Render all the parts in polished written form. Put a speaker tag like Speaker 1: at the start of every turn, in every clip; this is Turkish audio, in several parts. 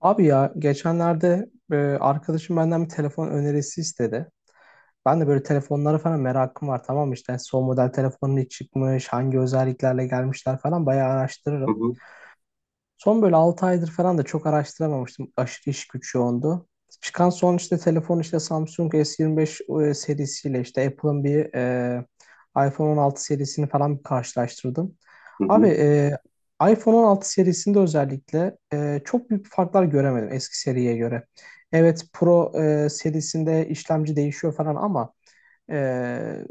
Speaker 1: Abi ya geçenlerde arkadaşım benden bir telefon önerisi istedi. Ben de böyle telefonlara falan merakım var, tamam mı? İşte son model telefonun ne çıkmış, hangi özelliklerle gelmişler falan bayağı
Speaker 2: Hı
Speaker 1: araştırırım.
Speaker 2: hı,
Speaker 1: Son böyle 6 aydır falan da çok araştıramamıştım. Aşırı iş güç yoğundu. Çıkan son işte telefon işte Samsung S25 serisiyle işte Apple'ın bir iPhone 16 serisini falan bir karşılaştırdım.
Speaker 2: hı
Speaker 1: Abi,
Speaker 2: hı.
Speaker 1: iPhone 16 serisinde özellikle çok büyük farklar göremedim eski seriye göre. Evet, Pro serisinde işlemci değişiyor falan ama ee,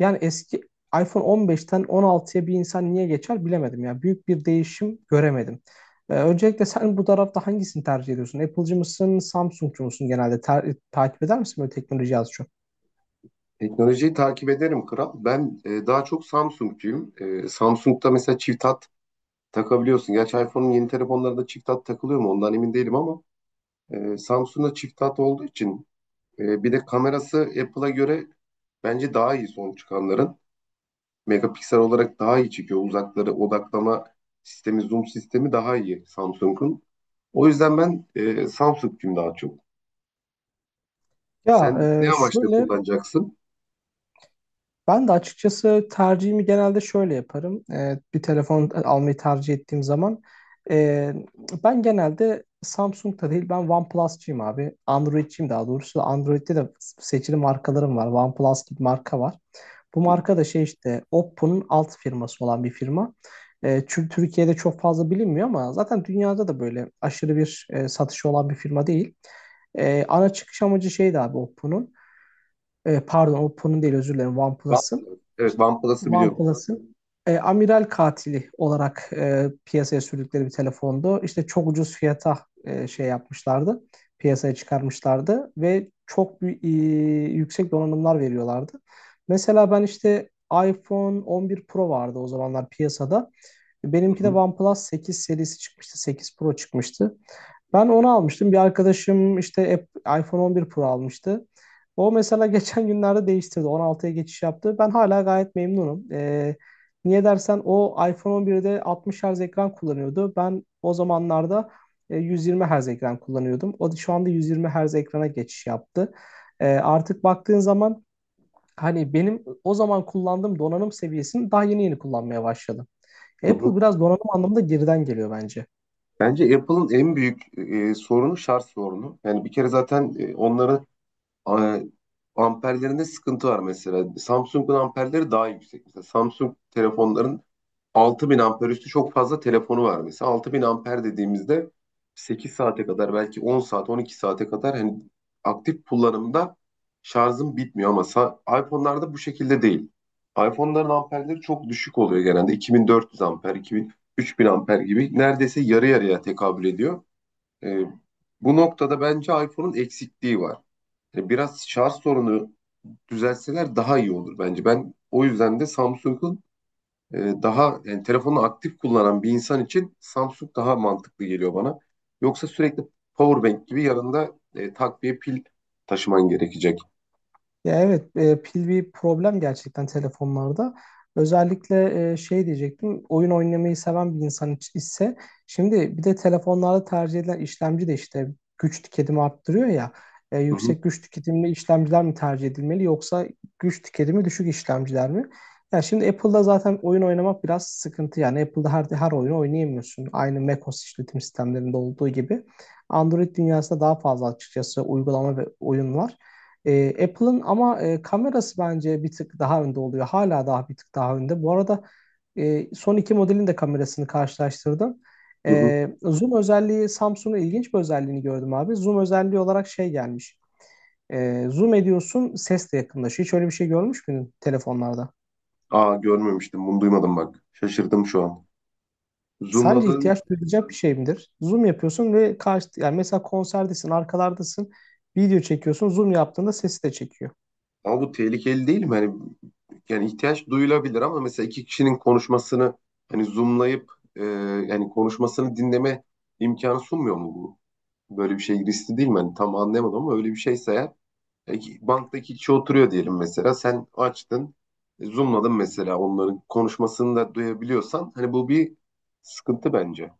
Speaker 1: yani eski iPhone 15'ten 16'ya bir insan niye geçer bilemedim ya. Büyük bir değişim göremedim. Öncelikle sen bu tarafta hangisini tercih ediyorsun? Apple'cı mısın, Samsung'cu musun genelde? Takip eder misin böyle teknoloji az çok?
Speaker 2: Teknolojiyi takip ederim kral. Ben daha çok Samsung'cuyum. Samsung'da mesela çift hat takabiliyorsun. Gerçi iPhone'un yeni telefonlarında çift hat takılıyor mu ondan emin değilim ama Samsung'da çift hat olduğu için bir de kamerası Apple'a göre bence daha iyi son çıkanların. Megapiksel olarak daha iyi çekiyor. Uzakları odaklama sistemi, zoom sistemi daha iyi Samsung'un. O yüzden ben Samsung'cuyum daha çok.
Speaker 1: Ya
Speaker 2: Sen ne
Speaker 1: e,
Speaker 2: amaçla
Speaker 1: şöyle
Speaker 2: kullanacaksın?
Speaker 1: Ben de açıkçası tercihimi genelde şöyle yaparım. Bir telefon almayı tercih ettiğim zaman e, ben genelde Samsung'da değil, ben OnePlus'cıyım abi. Android'ciyim daha doğrusu. Android'de de seçili markalarım var. OnePlus gibi marka var. Bu
Speaker 2: Hı hı.
Speaker 1: marka da şey işte Oppo'nun alt firması olan bir firma. Çünkü Türkiye'de çok fazla bilinmiyor ama zaten dünyada da böyle aşırı bir satışı olan bir firma değil. Ana çıkış amacı şeydi abi Oppo'nun, pardon, Oppo'nun değil, özür dilerim,
Speaker 2: One-
Speaker 1: OnePlus'ın
Speaker 2: Evet,
Speaker 1: işte.
Speaker 2: OnePlus'ı
Speaker 1: Tamam.
Speaker 2: biliyorum.
Speaker 1: OnePlus'ın amiral katili olarak piyasaya sürdükleri bir telefondu. İşte çok ucuz fiyata şey yapmışlardı. Piyasaya çıkarmışlardı ve çok bir, yüksek donanımlar veriyorlardı. Mesela ben işte iPhone 11 Pro vardı o zamanlar piyasada.
Speaker 2: Hı
Speaker 1: Benimki de
Speaker 2: hı.
Speaker 1: OnePlus 8 serisi çıkmıştı. 8 Pro çıkmıştı. Ben onu almıştım. Bir arkadaşım işte iPhone 11 Pro almıştı. O mesela geçen günlerde değiştirdi. 16'ya geçiş yaptı. Ben hala gayet memnunum. Niye dersen, o iPhone 11'de 60 Hz ekran kullanıyordu. Ben o zamanlarda 120 Hz ekran kullanıyordum. O da şu anda 120 Hz ekrana geçiş yaptı. Artık baktığın zaman hani benim o zaman kullandığım donanım seviyesini daha yeni yeni kullanmaya başladım.
Speaker 2: Hı hı.
Speaker 1: Apple biraz donanım anlamında geriden geliyor bence.
Speaker 2: Bence Apple'ın en büyük sorunu şarj sorunu. Yani bir kere zaten onların a- amperlerinde sıkıntı var mesela. Samsung'un amperleri daha yüksek. Mesela Samsung telefonların 6000 amper üstü çok fazla telefonu var mesela. 6000 amper dediğimizde 8 saate kadar belki 10 saat 12 saate kadar hani aktif kullanımda şarjım bitmiyor ama iPhone'larda bu şekilde değil. iPhone'ların amperleri çok düşük oluyor genelde. 2400 amper, 2000, 3000 amper gibi neredeyse yarı yarıya tekabül ediyor. Ee, bu noktada bence iPhone'un eksikliği var. Yani biraz şarj sorunu düzelseler daha iyi olur bence. Ben o yüzden de Samsung'un e, daha yani telefonu aktif kullanan bir insan için Samsung daha mantıklı geliyor bana. Yoksa sürekli powerbank gibi yanında takviye pil taşıman gerekecek.
Speaker 1: Ya evet, pil bir problem gerçekten telefonlarda. Özellikle şey diyecektim, oyun oynamayı seven bir insan ise şimdi bir de telefonlarda tercih edilen işlemci de işte güç tüketimi arttırıyor ya.
Speaker 2: Hı hı,
Speaker 1: Yüksek güç tüketimli işlemciler mi tercih edilmeli yoksa güç tüketimi düşük işlemciler mi? Ya şimdi Apple'da zaten oyun oynamak biraz sıkıntı, yani Apple'da her oyunu oynayamıyorsun. Aynı macOS işletim sistemlerinde olduğu gibi. Android dünyasında daha fazla açıkçası uygulama ve oyun var. Apple'ın ama kamerası bence bir tık daha önde oluyor. Hala daha bir tık daha önde. Bu arada son iki modelin de kamerasını karşılaştırdım.
Speaker 2: hı hı.
Speaker 1: Zoom özelliği, Samsung'un ilginç bir özelliğini gördüm abi. Zoom özelliği olarak şey gelmiş. Zoom ediyorsun, ses de yakınlaşıyor. Hiç öyle bir şey görmüş müydün telefonlarda?
Speaker 2: Aa görmemiştim bunu duymadım bak. Şaşırdım şu an.
Speaker 1: Sence
Speaker 2: Zoomladığın
Speaker 1: ihtiyaç duyulacak bir şey midir? Zoom yapıyorsun ve karşı, yani mesela konserdesin, arkalardasın, video çekiyorsun, zoom yaptığında sesi de çekiyor.
Speaker 2: ama bu tehlikeli değil mi? Hani, yani ihtiyaç duyulabilir ama mesela iki kişinin konuşmasını hani zoomlayıp yani konuşmasını dinleme imkanı sunmuyor mu bu? Böyle bir şey riskli değil mi? Hani tam anlayamadım ama öyle bir şeyse eğer E, Banktaki kişi oturuyor diyelim mesela. Sen açtın, zoomladın mesela onların konuşmasını da duyabiliyorsan. Hani bu bir sıkıntı bence.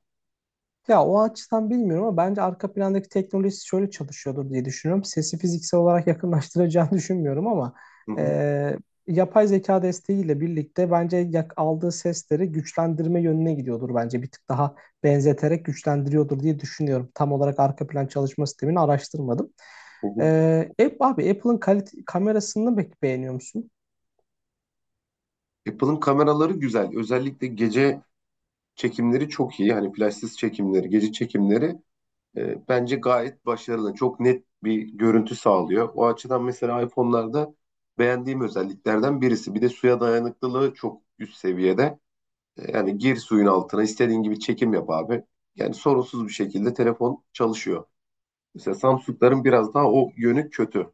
Speaker 1: Ya o açıdan bilmiyorum ama bence arka plandaki teknoloji şöyle çalışıyordur diye düşünüyorum. Sesi fiziksel olarak yakınlaştıracağını düşünmüyorum ama
Speaker 2: Hı hı,
Speaker 1: e, yapay zeka desteğiyle birlikte bence aldığı sesleri güçlendirme yönüne gidiyordur bence. Bir tık daha benzeterek güçlendiriyordur diye düşünüyorum. Tam olarak arka plan çalışma sistemini araştırmadım.
Speaker 2: hı
Speaker 1: E,
Speaker 2: hı.
Speaker 1: Abi, Apple'ın kalite kamerasını pek beğeniyor musun?
Speaker 2: Apple'ın kameraları güzel. Özellikle gece çekimleri çok iyi. Hani flashsız çekimleri, gece çekimleri bence gayet başarılı. Çok net bir görüntü sağlıyor. O açıdan mesela iPhone'larda beğendiğim özelliklerden birisi. Bir de suya dayanıklılığı çok üst seviyede. Yani gir suyun altına istediğin gibi çekim yap abi. Yani sorunsuz bir şekilde telefon çalışıyor. Mesela Samsung'ların biraz daha o yönü kötü.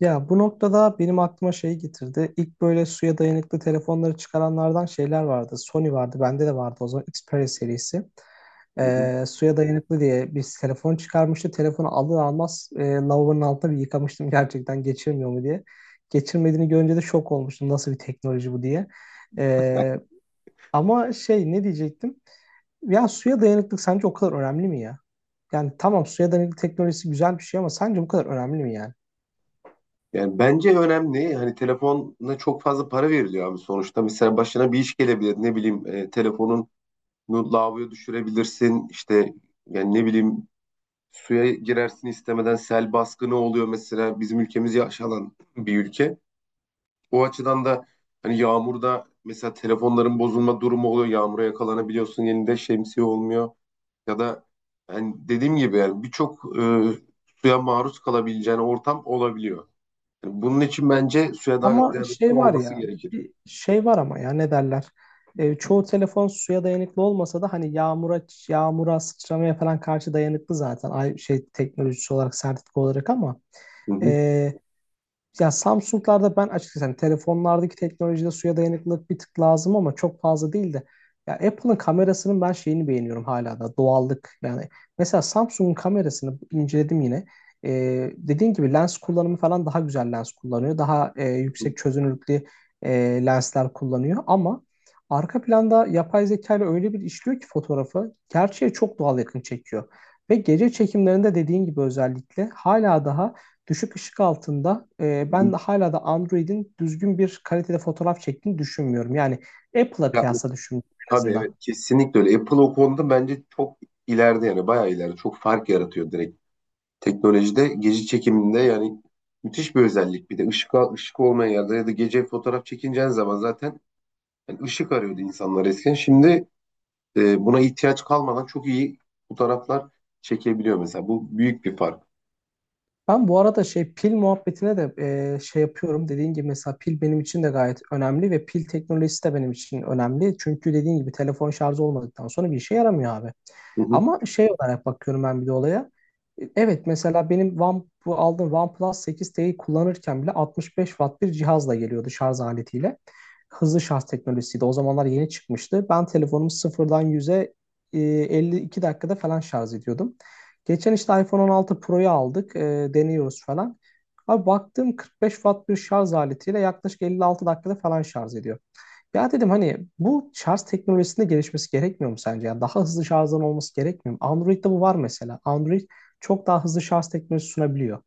Speaker 1: Ya, bu noktada benim aklıma şey getirdi. İlk böyle suya dayanıklı telefonları çıkaranlardan şeyler vardı. Sony vardı, bende de vardı o zaman Xperia serisi.
Speaker 2: Hı hı.
Speaker 1: Suya dayanıklı diye bir telefon çıkarmıştı. Telefonu alır almaz lavabonun altına bir yıkamıştım gerçekten geçirmiyor mu diye. Geçirmediğini görünce de şok olmuştum. Nasıl bir teknoloji bu diye. Ee, Ama şey ne diyecektim? Ya suya dayanıklık sence o kadar önemli mi ya? Yani tamam, suya dayanıklı teknolojisi güzel bir şey ama sence bu kadar önemli mi yani?
Speaker 2: Yani bence önemli. Hani telefona çok fazla para veriliyor abi sonuçta. Mesela başına bir iş gelebilir. Ne bileyim telefonunu lavaboya düşürebilirsin. İşte yani ne bileyim suya girersin istemeden sel baskını oluyor mesela. Bizim ülkemiz yaşanan bir ülke. O açıdan da hani yağmurda mesela telefonların bozulma durumu oluyor. Yağmura yakalanabiliyorsun. Elinde şemsiye olmuyor. Ya da hani dediğim gibi yani birçok suya maruz kalabileceğin ortam olabiliyor. Yani bunun için bence suya daha
Speaker 1: Ama
Speaker 2: dayanıklı
Speaker 1: şey var
Speaker 2: olması
Speaker 1: ya,
Speaker 2: gerekir.
Speaker 1: bir şey var ama ya ne derler? Çoğu telefon suya dayanıklı olmasa da hani yağmura sıçramaya falan karşı dayanıklı zaten. Ay şey teknolojisi olarak, sertifika olarak ama
Speaker 2: Hı
Speaker 1: e,
Speaker 2: hı,
Speaker 1: yani Samsung'larda ben açıkçası hani telefonlardaki teknolojide suya dayanıklılık bir tık lazım ama çok fazla değil de ya Apple'ın kamerasının ben şeyini beğeniyorum hala da, doğallık yani. Mesela Samsung'un kamerasını inceledim yine. Dediğin gibi lens kullanımı falan daha güzel lens kullanıyor, daha
Speaker 2: hı
Speaker 1: yüksek çözünürlüklü e, lensler kullanıyor ama arka planda yapay zeka ile öyle bir işliyor ki fotoğrafı gerçeğe çok doğal yakın çekiyor ve gece çekimlerinde dediğin gibi özellikle hala daha düşük ışık altında
Speaker 2: hı,
Speaker 1: ben
Speaker 2: hı.
Speaker 1: de hala da Android'in düzgün bir kalitede fotoğraf çektiğini düşünmüyorum. Yani Apple'a
Speaker 2: Ya,
Speaker 1: kıyasla düşünüyorum en
Speaker 2: tabii
Speaker 1: azından.
Speaker 2: evet kesinlikle öyle. Apple o konuda bence çok ileride yani bayağı ileride çok fark yaratıyor direkt. Teknolojide gece çekiminde yani müthiş bir özellik. Bir de ışık, ışık olmayan yerde ya da gece fotoğraf çekineceğin zaman zaten yani ışık arıyordu insanlar eskiden. Şimdi buna ihtiyaç kalmadan çok iyi fotoğraflar çekebiliyor mesela. Bu büyük bir fark.
Speaker 1: Ben bu arada şey pil muhabbetine de şey yapıyorum. Dediğin gibi mesela pil benim için de gayet önemli ve pil teknolojisi de benim için önemli. Çünkü dediğin gibi telefon şarjı olmadıktan sonra bir işe yaramıyor abi.
Speaker 2: Hı hı.
Speaker 1: Ama şey olarak bakıyorum ben bir de olaya. Evet, mesela benim bu aldığım OnePlus 8T'yi kullanırken bile 65 watt bir cihazla geliyordu, şarj aletiyle. Hızlı şarj teknolojisiydi. O zamanlar yeni çıkmıştı. Ben telefonumu sıfırdan 100'e 52 dakikada falan şarj ediyordum. Geçen işte iPhone 16 Pro'yu aldık. Deniyoruz falan. Abi baktım 45 watt bir şarj aletiyle yaklaşık 56 dakikada falan şarj ediyor. Ya dedim hani bu şarj teknolojisinde gelişmesi gerekmiyor mu sence? Ya daha hızlı şarjdan olması gerekmiyor mu? Android'de bu var mesela. Android çok daha hızlı şarj teknolojisi sunabiliyor.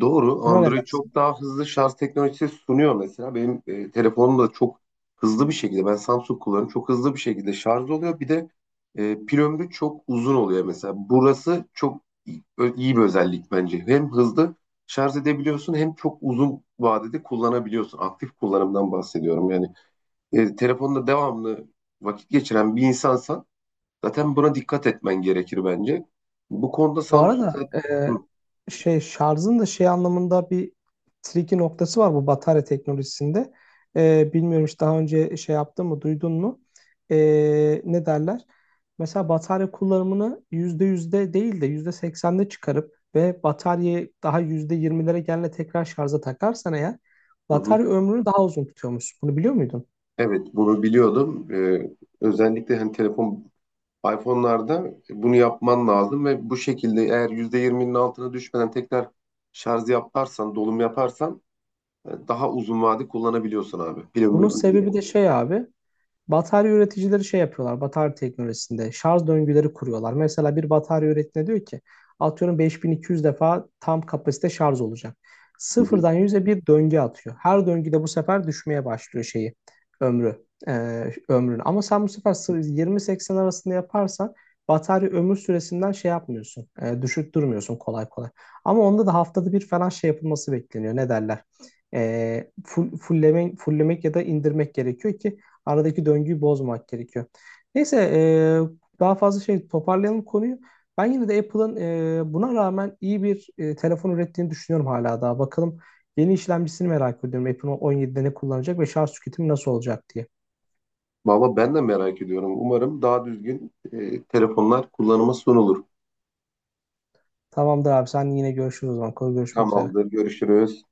Speaker 2: Doğru.
Speaker 1: Buna ne
Speaker 2: Android çok
Speaker 1: dersin?
Speaker 2: daha hızlı şarj teknolojisi sunuyor mesela. Benim telefonum da çok hızlı bir şekilde ben Samsung kullanıyorum. Çok hızlı bir şekilde şarj oluyor. Bir de pil ömrü çok uzun oluyor mesela. Burası çok iyi bir özellik bence. Hem hızlı şarj edebiliyorsun hem çok uzun vadede kullanabiliyorsun. Aktif kullanımdan bahsediyorum. Yani telefonda devamlı vakit geçiren bir insansan zaten buna dikkat etmen gerekir bence. Bu konuda
Speaker 1: Bu
Speaker 2: Samsung
Speaker 1: arada
Speaker 2: zaten... Hı,
Speaker 1: şey şarjın da şey anlamında bir tricky noktası var bu batarya teknolojisinde. Bilmiyorum hiç daha önce şey yaptın mı, duydun mu? Ne derler? Mesela batarya kullanımını yüzde değil de %80'de çıkarıp ve bataryayı daha yüzde yirmilere gelene tekrar şarja takarsan eğer
Speaker 2: hı hı.
Speaker 1: batarya ömrünü daha uzun tutuyormuş. Bunu biliyor muydun?
Speaker 2: Evet bunu biliyordum. Özellikle hani telefon iPhone'larda bunu yapman lazım ve bu şekilde eğer %20'nin altına düşmeden tekrar şarj yaparsan, dolum yaparsan daha uzun vade kullanabiliyorsun abi. Pil ömrü
Speaker 1: Bunun
Speaker 2: uzuyor.
Speaker 1: sebebi de şey abi. Batarya üreticileri şey yapıyorlar, batarya teknolojisinde şarj döngüleri kuruyorlar. Mesela bir batarya üretine diyor ki, atıyorum 5200 defa tam kapasite şarj olacak.
Speaker 2: Hı hı.
Speaker 1: Sıfırdan 100'e bir döngü atıyor. Her döngüde bu sefer düşmeye başlıyor şeyi, ömrü, ömrünü. Ama sen bu sefer 20-80 arasında yaparsan batarya ömür süresinden şey yapmıyorsun, düşük durmuyorsun kolay kolay. Ama onda da haftada bir falan şey yapılması bekleniyor. Ne derler? Fulllemek ya da indirmek gerekiyor ki aradaki döngüyü bozmak gerekiyor. Neyse, daha fazla şey toparlayalım konuyu. Ben yine de Apple'ın buna rağmen iyi bir telefon ürettiğini düşünüyorum hala daha. Bakalım, yeni işlemcisini merak ediyorum. Apple on 17'de ne kullanacak ve şarj tüketimi nasıl olacak diye.
Speaker 2: Valla ben de merak ediyorum. Umarım daha düzgün telefonlar kullanıma sunulur.
Speaker 1: Tamamdır abi, sen yine görüşürüz o zaman. Görüşmek üzere.
Speaker 2: Tamamdır. Görüşürüz.